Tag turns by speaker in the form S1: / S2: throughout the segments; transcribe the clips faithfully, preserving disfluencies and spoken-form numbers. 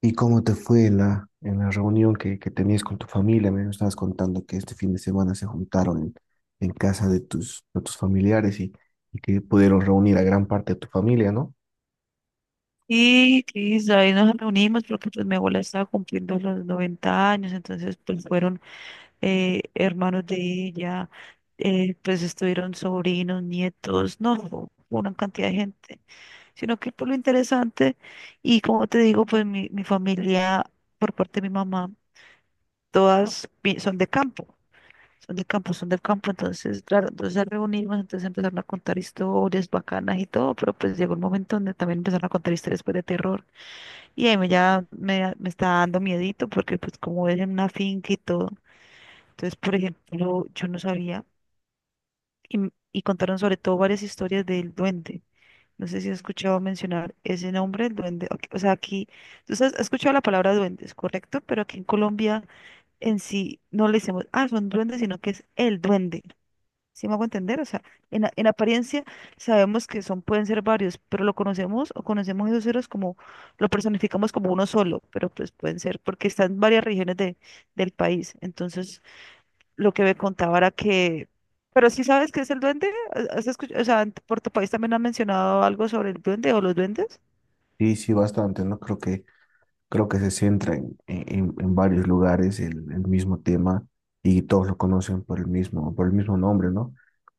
S1: ¿Y cómo te fue en la, en la reunión que, que tenías con tu familia? Me estabas contando que este fin de semana se juntaron en, en casa de tus, de tus familiares y, y que pudieron reunir a gran parte de tu familia, ¿no?
S2: Y Cris, ahí nos reunimos porque pues mi abuela estaba cumpliendo los noventa años. Entonces pues fueron eh, hermanos de ella, eh, pues estuvieron sobrinos, nietos, no, fue una cantidad de gente, sino que por lo interesante. Y como te digo, pues mi, mi familia por parte de mi mamá, todas vi- son de campo, son de campo, son del campo. Entonces claro, entonces al reunirnos, entonces empezaron a contar historias bacanas y todo, pero pues llegó un momento donde también empezaron a contar historias pues de terror. Y ahí me ya me, me está dando miedito porque pues como es en una finca y todo. Entonces, por ejemplo, yo no sabía y, m- y contaron sobre todo varias historias del duende. No sé si has escuchado mencionar ese nombre, el duende. Ok, o sea, aquí, tú has has escuchado la palabra duendes, correcto, pero aquí en Colombia en sí no le decimos, ah, son duendes, sino que es el duende. ¿Sí me hago entender? O sea, en, a- en apariencia sabemos que son, pueden ser varios, pero lo conocemos o conocemos esos ceros como, lo personificamos como uno solo, pero pues pueden ser porque están en varias regiones de, del país. Entonces, lo que me contaba era que, pero sí sabes qué es el duende. ¿Has escuchado? O sea, en- por tu país también han mencionado algo sobre el duende o los duendes.
S1: Sí, sí, bastante, ¿no? Creo que, creo que se centra en, en, en varios lugares el, el mismo tema y todos lo conocen por el mismo, por el mismo nombre, ¿no?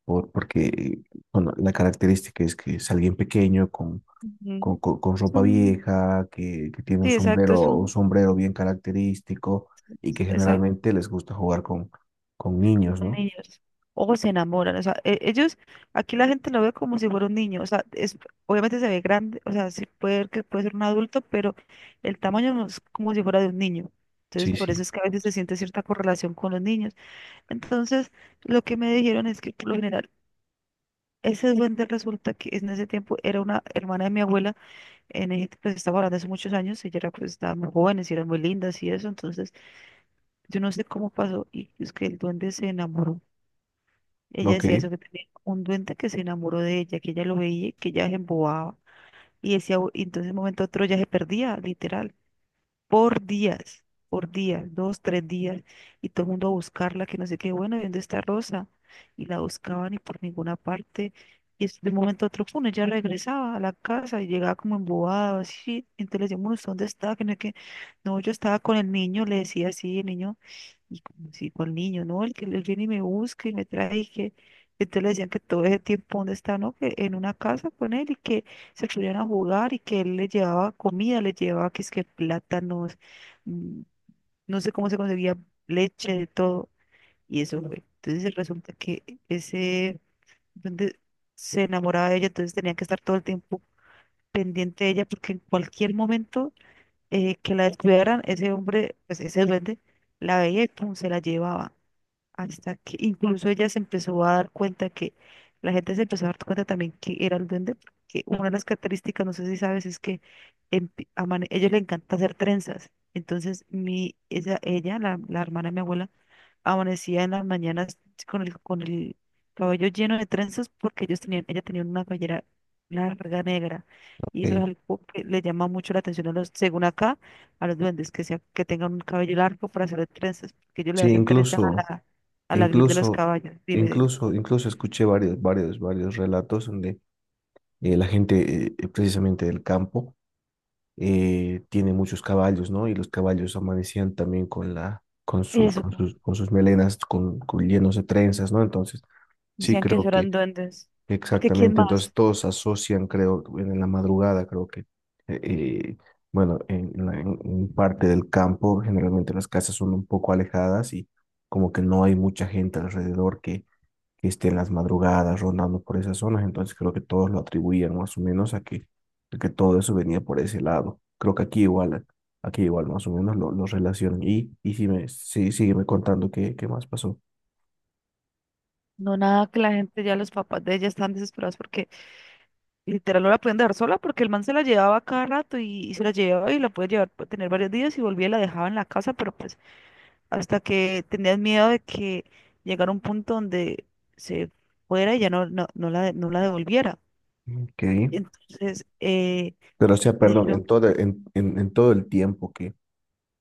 S1: Por, porque, bueno, la característica es que es alguien pequeño con, con-
S2: Ujú.
S1: con
S2: Es
S1: ropa
S2: un,
S1: vieja, que, que tiene un
S2: sí, exacto, es
S1: sombrero, un
S2: un,
S1: sombrero bien característico y que
S2: exacto.
S1: generalmente les gusta jugar con, con niños,
S2: Son
S1: ¿no?
S2: niños o se enamoran, o sea, e- ellos, aquí la gente lo ve como si fuera un niño, o sea, es, obviamente se ve grande, o sea, sí puede ver que puede ser un adulto, pero el tamaño no es como si fuera de un niño.
S1: Sí,
S2: Entonces, por
S1: sí.
S2: eso es que a veces se siente cierta correlación con los niños. Entonces, lo que me dijeron es que por lo general, ese duende resulta que en ese tiempo era una hermana de mi abuela, en ese pues estaba hablando hace muchos años, ella era, pues, estaba muy jóvenes y eran muy lindas y eso, entonces yo no sé cómo pasó y es que el duende se enamoró. Ella
S1: Ok,
S2: decía eso, que tenía un duende que se enamoró de ella, que ella lo veía, y que ella se embobaba. Y decía, "Uy", y entonces de un momento a otro ya se perdía, literal, por días, por días, dos, tres días, y todo el mundo a buscarla, que no sé qué, bueno, ¿y dónde está Rosa? Y la buscaban y por ninguna parte. Y es- de un momento a otro, pum, ella regresaba a la casa y llegaba como embobada, así. Entonces le decíamos, "Bueno, ¿usted dónde está? Que no sé qué". No, yo estaba con el niño, le decía así, el niño. Y como si con el niño, ¿no? El que él viene y me busca y me trae y que... Entonces le decían que todo ese tiempo, ¿dónde está? ¿No? Que en una casa con él y que se subían a jugar y que él le llevaba comida, le llevaba que es que plátanos, mm, no sé cómo se conseguía leche, de todo. Y eso fue. Entonces resulta que ese, donde se enamoraba de ella, entonces tenía que estar todo el tiempo pendiente de ella porque en cualquier momento eh, que la descuidaran, ese hombre, pues ese duende, la veía y pum, se la llevaba. Hasta que incluso ella se empezó a dar cuenta que la gente se empezó a dar cuenta también que era el duende, porque una de las características, no sé si sabes, es que empi- amane- a ellos le encanta hacer trenzas. Entonces, mi, ella, ella la, la hermana de mi abuela, amanecía en las mañanas con el, con el cabello lleno de trenzas porque ellos tenían, ella tenía una cabellera larga negra, y eso es
S1: ok.
S2: algo que le llama mucho la atención a los, según acá, a los duendes que sea, que tengan un cabello largo para hacer trenzas, porque ellos le
S1: Sí,
S2: hacen trenzas a
S1: incluso,
S2: la, a la gris de los
S1: incluso,
S2: caballos. Dime, dime.
S1: incluso, incluso escuché varios, varios, varios relatos donde eh, la gente eh, eh, precisamente del campo eh, tiene muchos caballos, ¿no? Y los caballos amanecían también con la, con sus,
S2: Eso,
S1: con
S2: po.
S1: sus, con sus melenas, con, con llenos de trenzas, ¿no? Entonces, sí
S2: Decían que eso
S1: creo
S2: eran
S1: que
S2: duendes. Porque ¿quién
S1: exactamente, entonces
S2: más?
S1: todos asocian, creo, en la madrugada, creo que, eh, eh, bueno, en, la- en- en parte del campo, generalmente las casas son un poco alejadas y como que no hay mucha gente alrededor que, que esté en las madrugadas rondando por esas zonas, entonces creo que todos lo atribuían más o menos a que, a que todo eso venía por ese lado. Creo que aquí igual, aquí igual más o menos lo, lo relacionan. Y, y sí me, sí, sígueme contando qué, qué más pasó.
S2: No, nada, que la gente ya, los papás de ella están desesperados porque literal no la podían dejar sola porque el man se la llevaba cada rato y, y se la llevaba y la podía llevar, puede tener varios días y volvía y la dejaba en la casa, pero pues hasta que tenías miedo de que llegara un punto donde se fuera y ya no, no, no la, de- no la devolviera.
S1: Ok.
S2: Entonces, eh,
S1: Pero, o sea, perdón, en
S2: dijeron,
S1: todo, en, en, en todo el tiempo que,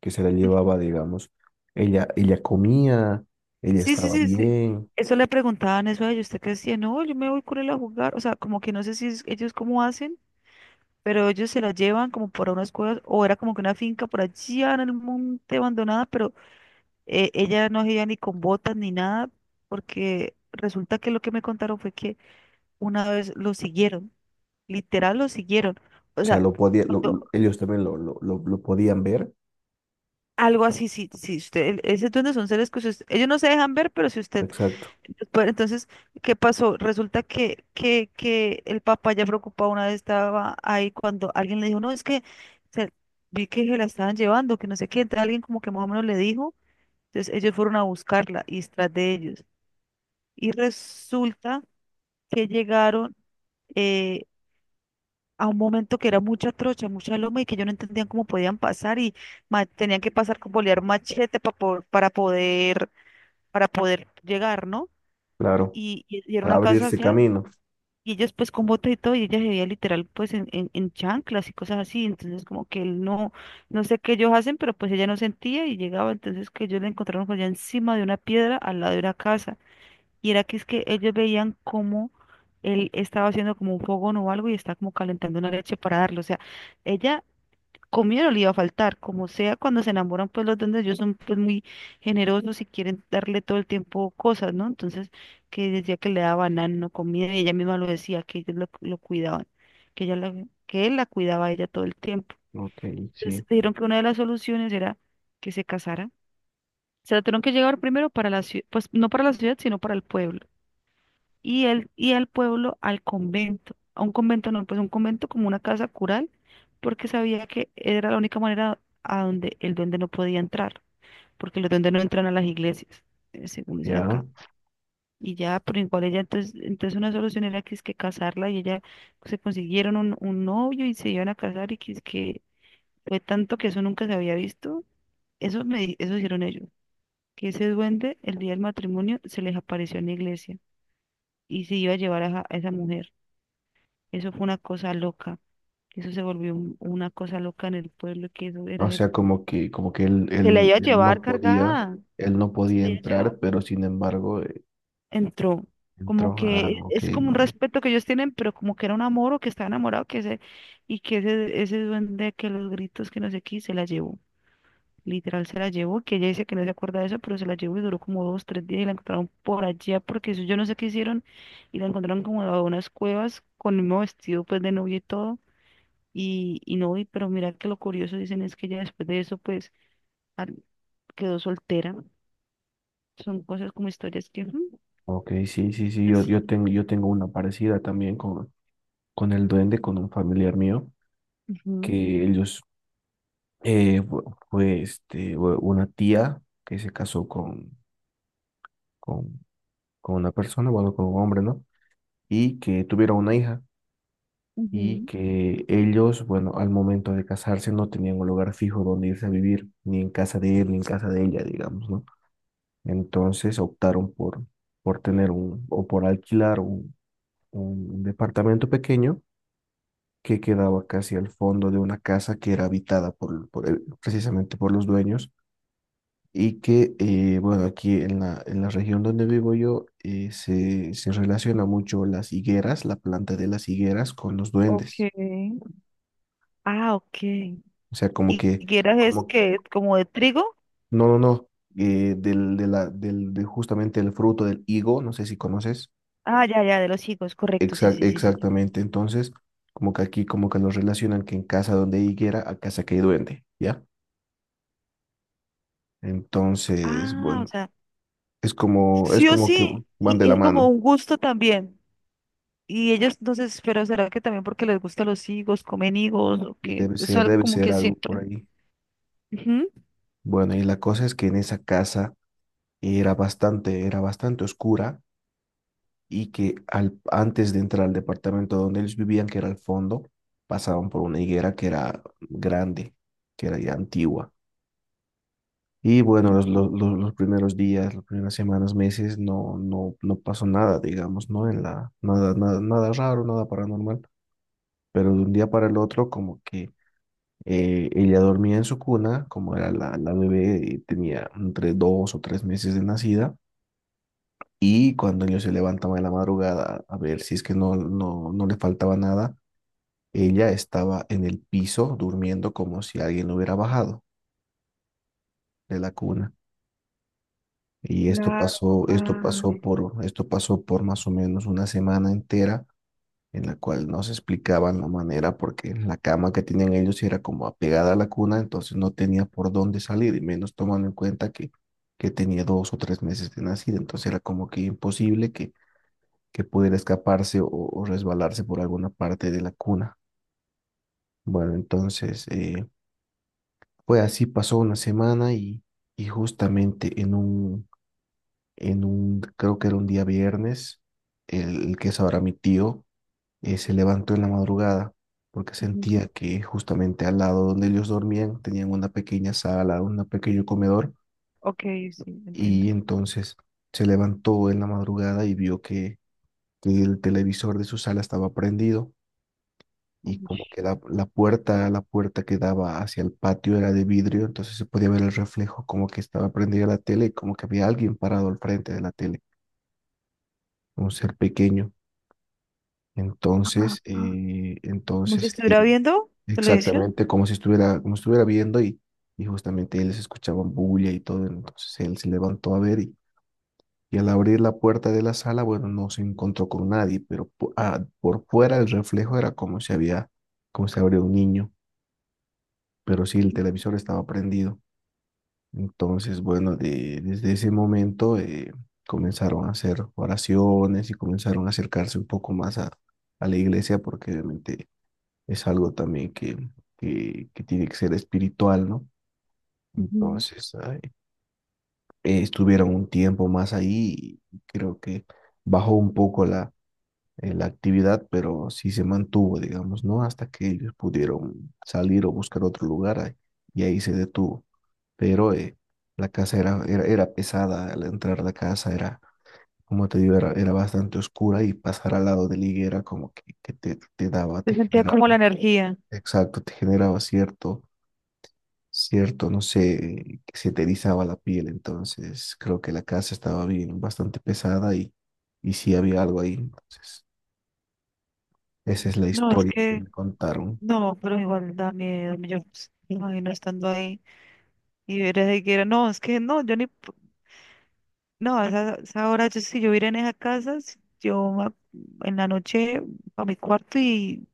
S1: que se la
S2: "Mm,
S1: llevaba, digamos, ella, ella comía, ella
S2: sí, sí,
S1: estaba
S2: sí, sí.
S1: bien, o
S2: Eso le preguntaban eso a ellos, usted qué decía, no, yo me voy con él a jugar, o sea, como que no sé si es- ellos cómo hacen, pero ellos se la llevan como para unas cuevas, o era como que una finca por allá en el monte abandonada, pero eh, ella no se iba ni con botas ni nada, porque resulta que lo que me contaron fue que una vez lo siguieron, literal lo siguieron. O
S1: sea,
S2: sea,
S1: lo podía, lo- lo-
S2: cuando-
S1: ellos también lo, lo, lo, lo podían ver,
S2: algo así, si, si usted, el- ese es son seres que si usted- ellos no se dejan ver, pero si usted,
S1: exacto,
S2: pues, entonces, ¿qué pasó? Resulta que, que, que el papá ya preocupado una vez estaba ahí cuando alguien le dijo, no, es que se- vi que se la estaban llevando, que no sé qué, entonces alguien como que más o menos le dijo, entonces ellos fueron a buscarla y tras de ellos. Y resulta que llegaron eh, a un momento que era mucha trocha, mucha loma y que ellos no entendían cómo podían pasar y ma- tenían que pasar con bolear machete pa po- para poder, para poder llegar, ¿no?
S1: claro,
S2: Y, y, y era
S1: para
S2: una casa
S1: abrirse
S2: allá
S1: camino.
S2: y ellos pues con bota y todo y ella se veía literal pues en, en, en chanclas y cosas así, entonces como que él no, no sé qué ellos hacen, pero pues ella no sentía y llegaba, entonces que ellos la encontraron pues allá encima de una piedra al lado de una casa. Y era que es que ellos veían cómo él estaba haciendo como un fogón o algo y estaba como calentando una leche para darle. O sea, ella comía no le iba a faltar. Como sea, cuando se enamoran, pues los duendes ellos son pues muy generosos y quieren darle todo el tiempo cosas, ¿no? Entonces, que decía que le daba banano, comida, y ella misma lo decía, que ellos lo, lo cuidaban, que ella la- que él la cuidaba a ella todo el tiempo.
S1: Ok,
S2: Entonces,
S1: sí,
S2: dijeron que una de las soluciones era que se casara. Se la tuvieron que llevar primero para la ciudad, pues no para la ciudad, sino para el pueblo y el, y al pueblo al convento, a un convento no, pues un convento como una casa cural, porque sabía que era la única manera a donde el duende no podía entrar, porque los duendes no entran a las iglesias, eh, según dicen
S1: ya.
S2: acá. Y ya, pero igual ella, entonces, entonces una solución era que es que casarla y ella pues, se consiguieron un, un novio y se iban a casar y que es que fue tanto que eso nunca se había visto. Eso me, di- eso hicieron ellos, que ese duende el día del matrimonio se les apareció en la iglesia y se iba a llevar a esa a esa mujer. Eso fue una cosa loca. Eso se volvió un- una cosa loca en el pueblo, que eso era...
S1: O
S2: de-
S1: sea, como que, como que él,
S2: Se la
S1: él,
S2: iba a
S1: él
S2: llevar
S1: no podía,
S2: cargada.
S1: él no
S2: Se
S1: podía
S2: la iba a llevar.
S1: entrar, pero sin embargo, eh,
S2: Entró. Como
S1: entró.
S2: que
S1: Ah,
S2: e-
S1: ok,
S2: es como un
S1: no.
S2: respeto que ellos tienen, pero como que era un amor o que estaba enamorado, que ese, y que ese, ese duende que los gritos que no sé qué, se la llevó. Literal se la llevó, que ella dice que no se acuerda de eso, pero se la llevó y duró como dos, tres días y la encontraron por allá, porque eso yo no sé qué hicieron, y la encontraron como a unas cuevas con el mismo vestido pues de novia y todo. Y, y no, y, pero mira que lo curioso dicen es que ya después de eso, pues al- quedó soltera. Son cosas como historias que... ujú,
S1: Ok, sí, sí, sí, yo,
S2: pues,
S1: yo tengo, yo tengo una parecida también con, con el duende, con un familiar mío.
S2: ujú,
S1: Que ellos eh, fu- fue este, u- una tía que se casó con, con, con una persona, bueno, con un hombre, ¿no? Y que tuvieron una hija y
S2: ujú.
S1: que ellos, bueno, al momento de casarse no tenían un lugar fijo donde irse a vivir, ni en casa de él, ni en casa de ella, digamos, ¿no? Entonces optaron por, por tener un, o por alquilar un, un departamento pequeño que quedaba casi al fondo de una casa que era habitada por, por el- precisamente por los dueños y que, eh, bueno, aquí en la, en la región donde vivo yo eh, se, se relaciona mucho las higueras, la planta de las higueras con los duendes.
S2: Okay. Ah, ok.
S1: O sea, como
S2: ¿Y
S1: que,
S2: quieras es
S1: como,
S2: que como de trigo?
S1: no, no, no, eh, del, de la, del, de justamente el fruto del higo, no sé si conoces.
S2: Ah, ya, ya, de los higos, correcto, sí,
S1: Exa-
S2: sí, sí, sí.
S1: exactamente. Entonces, como que aquí, como que los relacionan que en casa donde hay higuera, a casa que hay duende, ¿ya? Entonces,
S2: Ah, o
S1: bueno,
S2: sea,
S1: es como, es
S2: sí o
S1: como que
S2: sí,
S1: van de
S2: y
S1: la
S2: es como
S1: mano
S2: un gusto también. Y ellos, entonces, pero será que también porque les gustan los higos, comen higos, o
S1: y
S2: que
S1: debe
S2: es
S1: ser,
S2: algo
S1: debe
S2: como
S1: ser
S2: que
S1: algo por
S2: siempre.
S1: ahí.
S2: Ujú.
S1: Bueno, y la cosa es que en esa casa era bastante, era bastante oscura y que al, antes de entrar al departamento donde ellos vivían, que era al fondo, pasaban por una higuera que era grande, que era ya antigua. Y bueno, los, los, los- los primeros días, las primeras semanas, meses, no, no, no pasó nada, digamos, ¿no? En la, nada, nada, nada raro, nada paranormal. Pero de un día para el otro, como que eh, ella dormía en su cuna, como era la, la bebé, y tenía entre dos o tres meses de nacida. Y cuando ellos se levantaban en la madrugada a ver si es que no, no, no le faltaba nada, ella estaba en el piso durmiendo como si alguien lo hubiera bajado de la cuna. Y esto
S2: Claro.
S1: pasó, esto
S2: Ah,
S1: pasó por, esto pasó por más o menos una semana entera en la cual no se explicaban la manera porque la cama que tenían ellos era como apegada a la cuna, entonces no tenía por dónde salir, y menos tomando en cuenta que, que tenía dos o tres meses de nacida, entonces era como que imposible que que pudiera escaparse o, o resbalarse por alguna parte de la cuna. Bueno, entonces, eh, pues así pasó una semana y, y justamente en un, en un, creo que era un día viernes, el, el que es ahora mi tío, eh, se levantó en la madrugada porque
S2: ujú.
S1: sentía que justamente al lado donde ellos dormían tenían una pequeña sala, un pequeño comedor,
S2: Ok, sí, entiendo.
S1: y entonces se levantó en la madrugada y vio que, que el televisor de su sala estaba prendido y como
S2: Ush.
S1: que la, la puerta, la puerta que daba hacia el patio era de vidrio, entonces se podía ver el reflejo como que estaba prendida la tele y como que había alguien parado al frente de la tele, un ser pequeño.
S2: Ah,
S1: Entonces,
S2: ah.
S1: eh,
S2: Como si
S1: entonces
S2: estuviera
S1: él
S2: viendo televisión.
S1: exactamente como si estuviera, como estuviera viendo y, y justamente ellos escuchaban bulla y todo, entonces él se levantó a ver y, y al abrir la puerta de la sala, bueno, no se encontró con nadie, pero po- ah, por fuera el reflejo era como si había, como si habría un niño. Pero sí, el televisor estaba prendido. Entonces, bueno, de- desde ese momento eh, comenzaron a hacer oraciones y comenzaron a acercarse un poco más a, a la iglesia porque obviamente es algo también que, que, que tiene que ser espiritual, ¿no?
S2: Ujú.
S1: Entonces, ay, eh, estuvieron un tiempo más ahí y creo que bajó un poco la, eh, la actividad, pero sí se mantuvo, digamos, ¿no? Hasta que ellos pudieron salir o buscar otro lugar ahí, y ahí se detuvo. Pero eh, la casa era, era, era pesada, al entrar a la casa era, como te digo, era, era bastante oscura y pasar al lado de la higuera como que, que te, te daba,
S2: Se
S1: te
S2: sentía como la
S1: generaba,
S2: energía.
S1: exacto, te generaba cierto, cierto, no sé, que se te erizaba la piel, entonces creo que la casa estaba bien, bastante pesada y, y sí había algo ahí, entonces esa es la
S2: No, es
S1: historia que
S2: que,
S1: me contaron.
S2: no, pero igual da miedo. Yo pues, me imagino estando ahí y ver ese que era. No, es que no, yo ni, p- no, a esa, esa hora, yo, si yo viera en esa casa, si yo ma- en la noche a mi cuarto y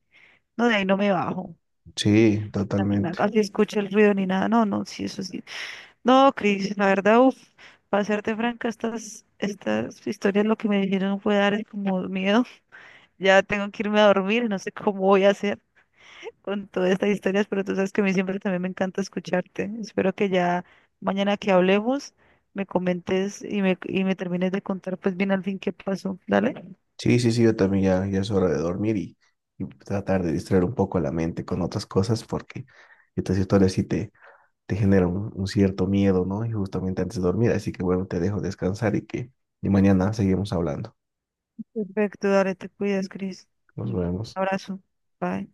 S2: no, de ahí no me bajo.
S1: Sí, totalmente.
S2: Casi escucho el ruido ni nada. No, no, sí, eso sí. No, Cris, la verdad, uff. Para serte franca, estas, estas historias lo que me dijeron fue dar como miedo. Ya tengo que irme a dormir, no sé cómo voy a hacer con todas estas historias, pero tú sabes que a mí siempre también me encanta escucharte. Espero que ya mañana que hablemos me comentes y me, y me termines de contar pues bien al fin qué pasó. Dale.
S1: Sí, sí, sí, yo también ya, ya es hora de dormir y, y tratar de distraer un poco la mente con otras cosas porque estas historias sí te, te generan un, un cierto miedo, ¿no? Y justamente antes de dormir, así que bueno, te dejo descansar y que y mañana seguimos hablando.
S2: Perfecto, dale, te cuidas, Cris.
S1: Nos
S2: Un
S1: vemos.
S2: abrazo. Bye.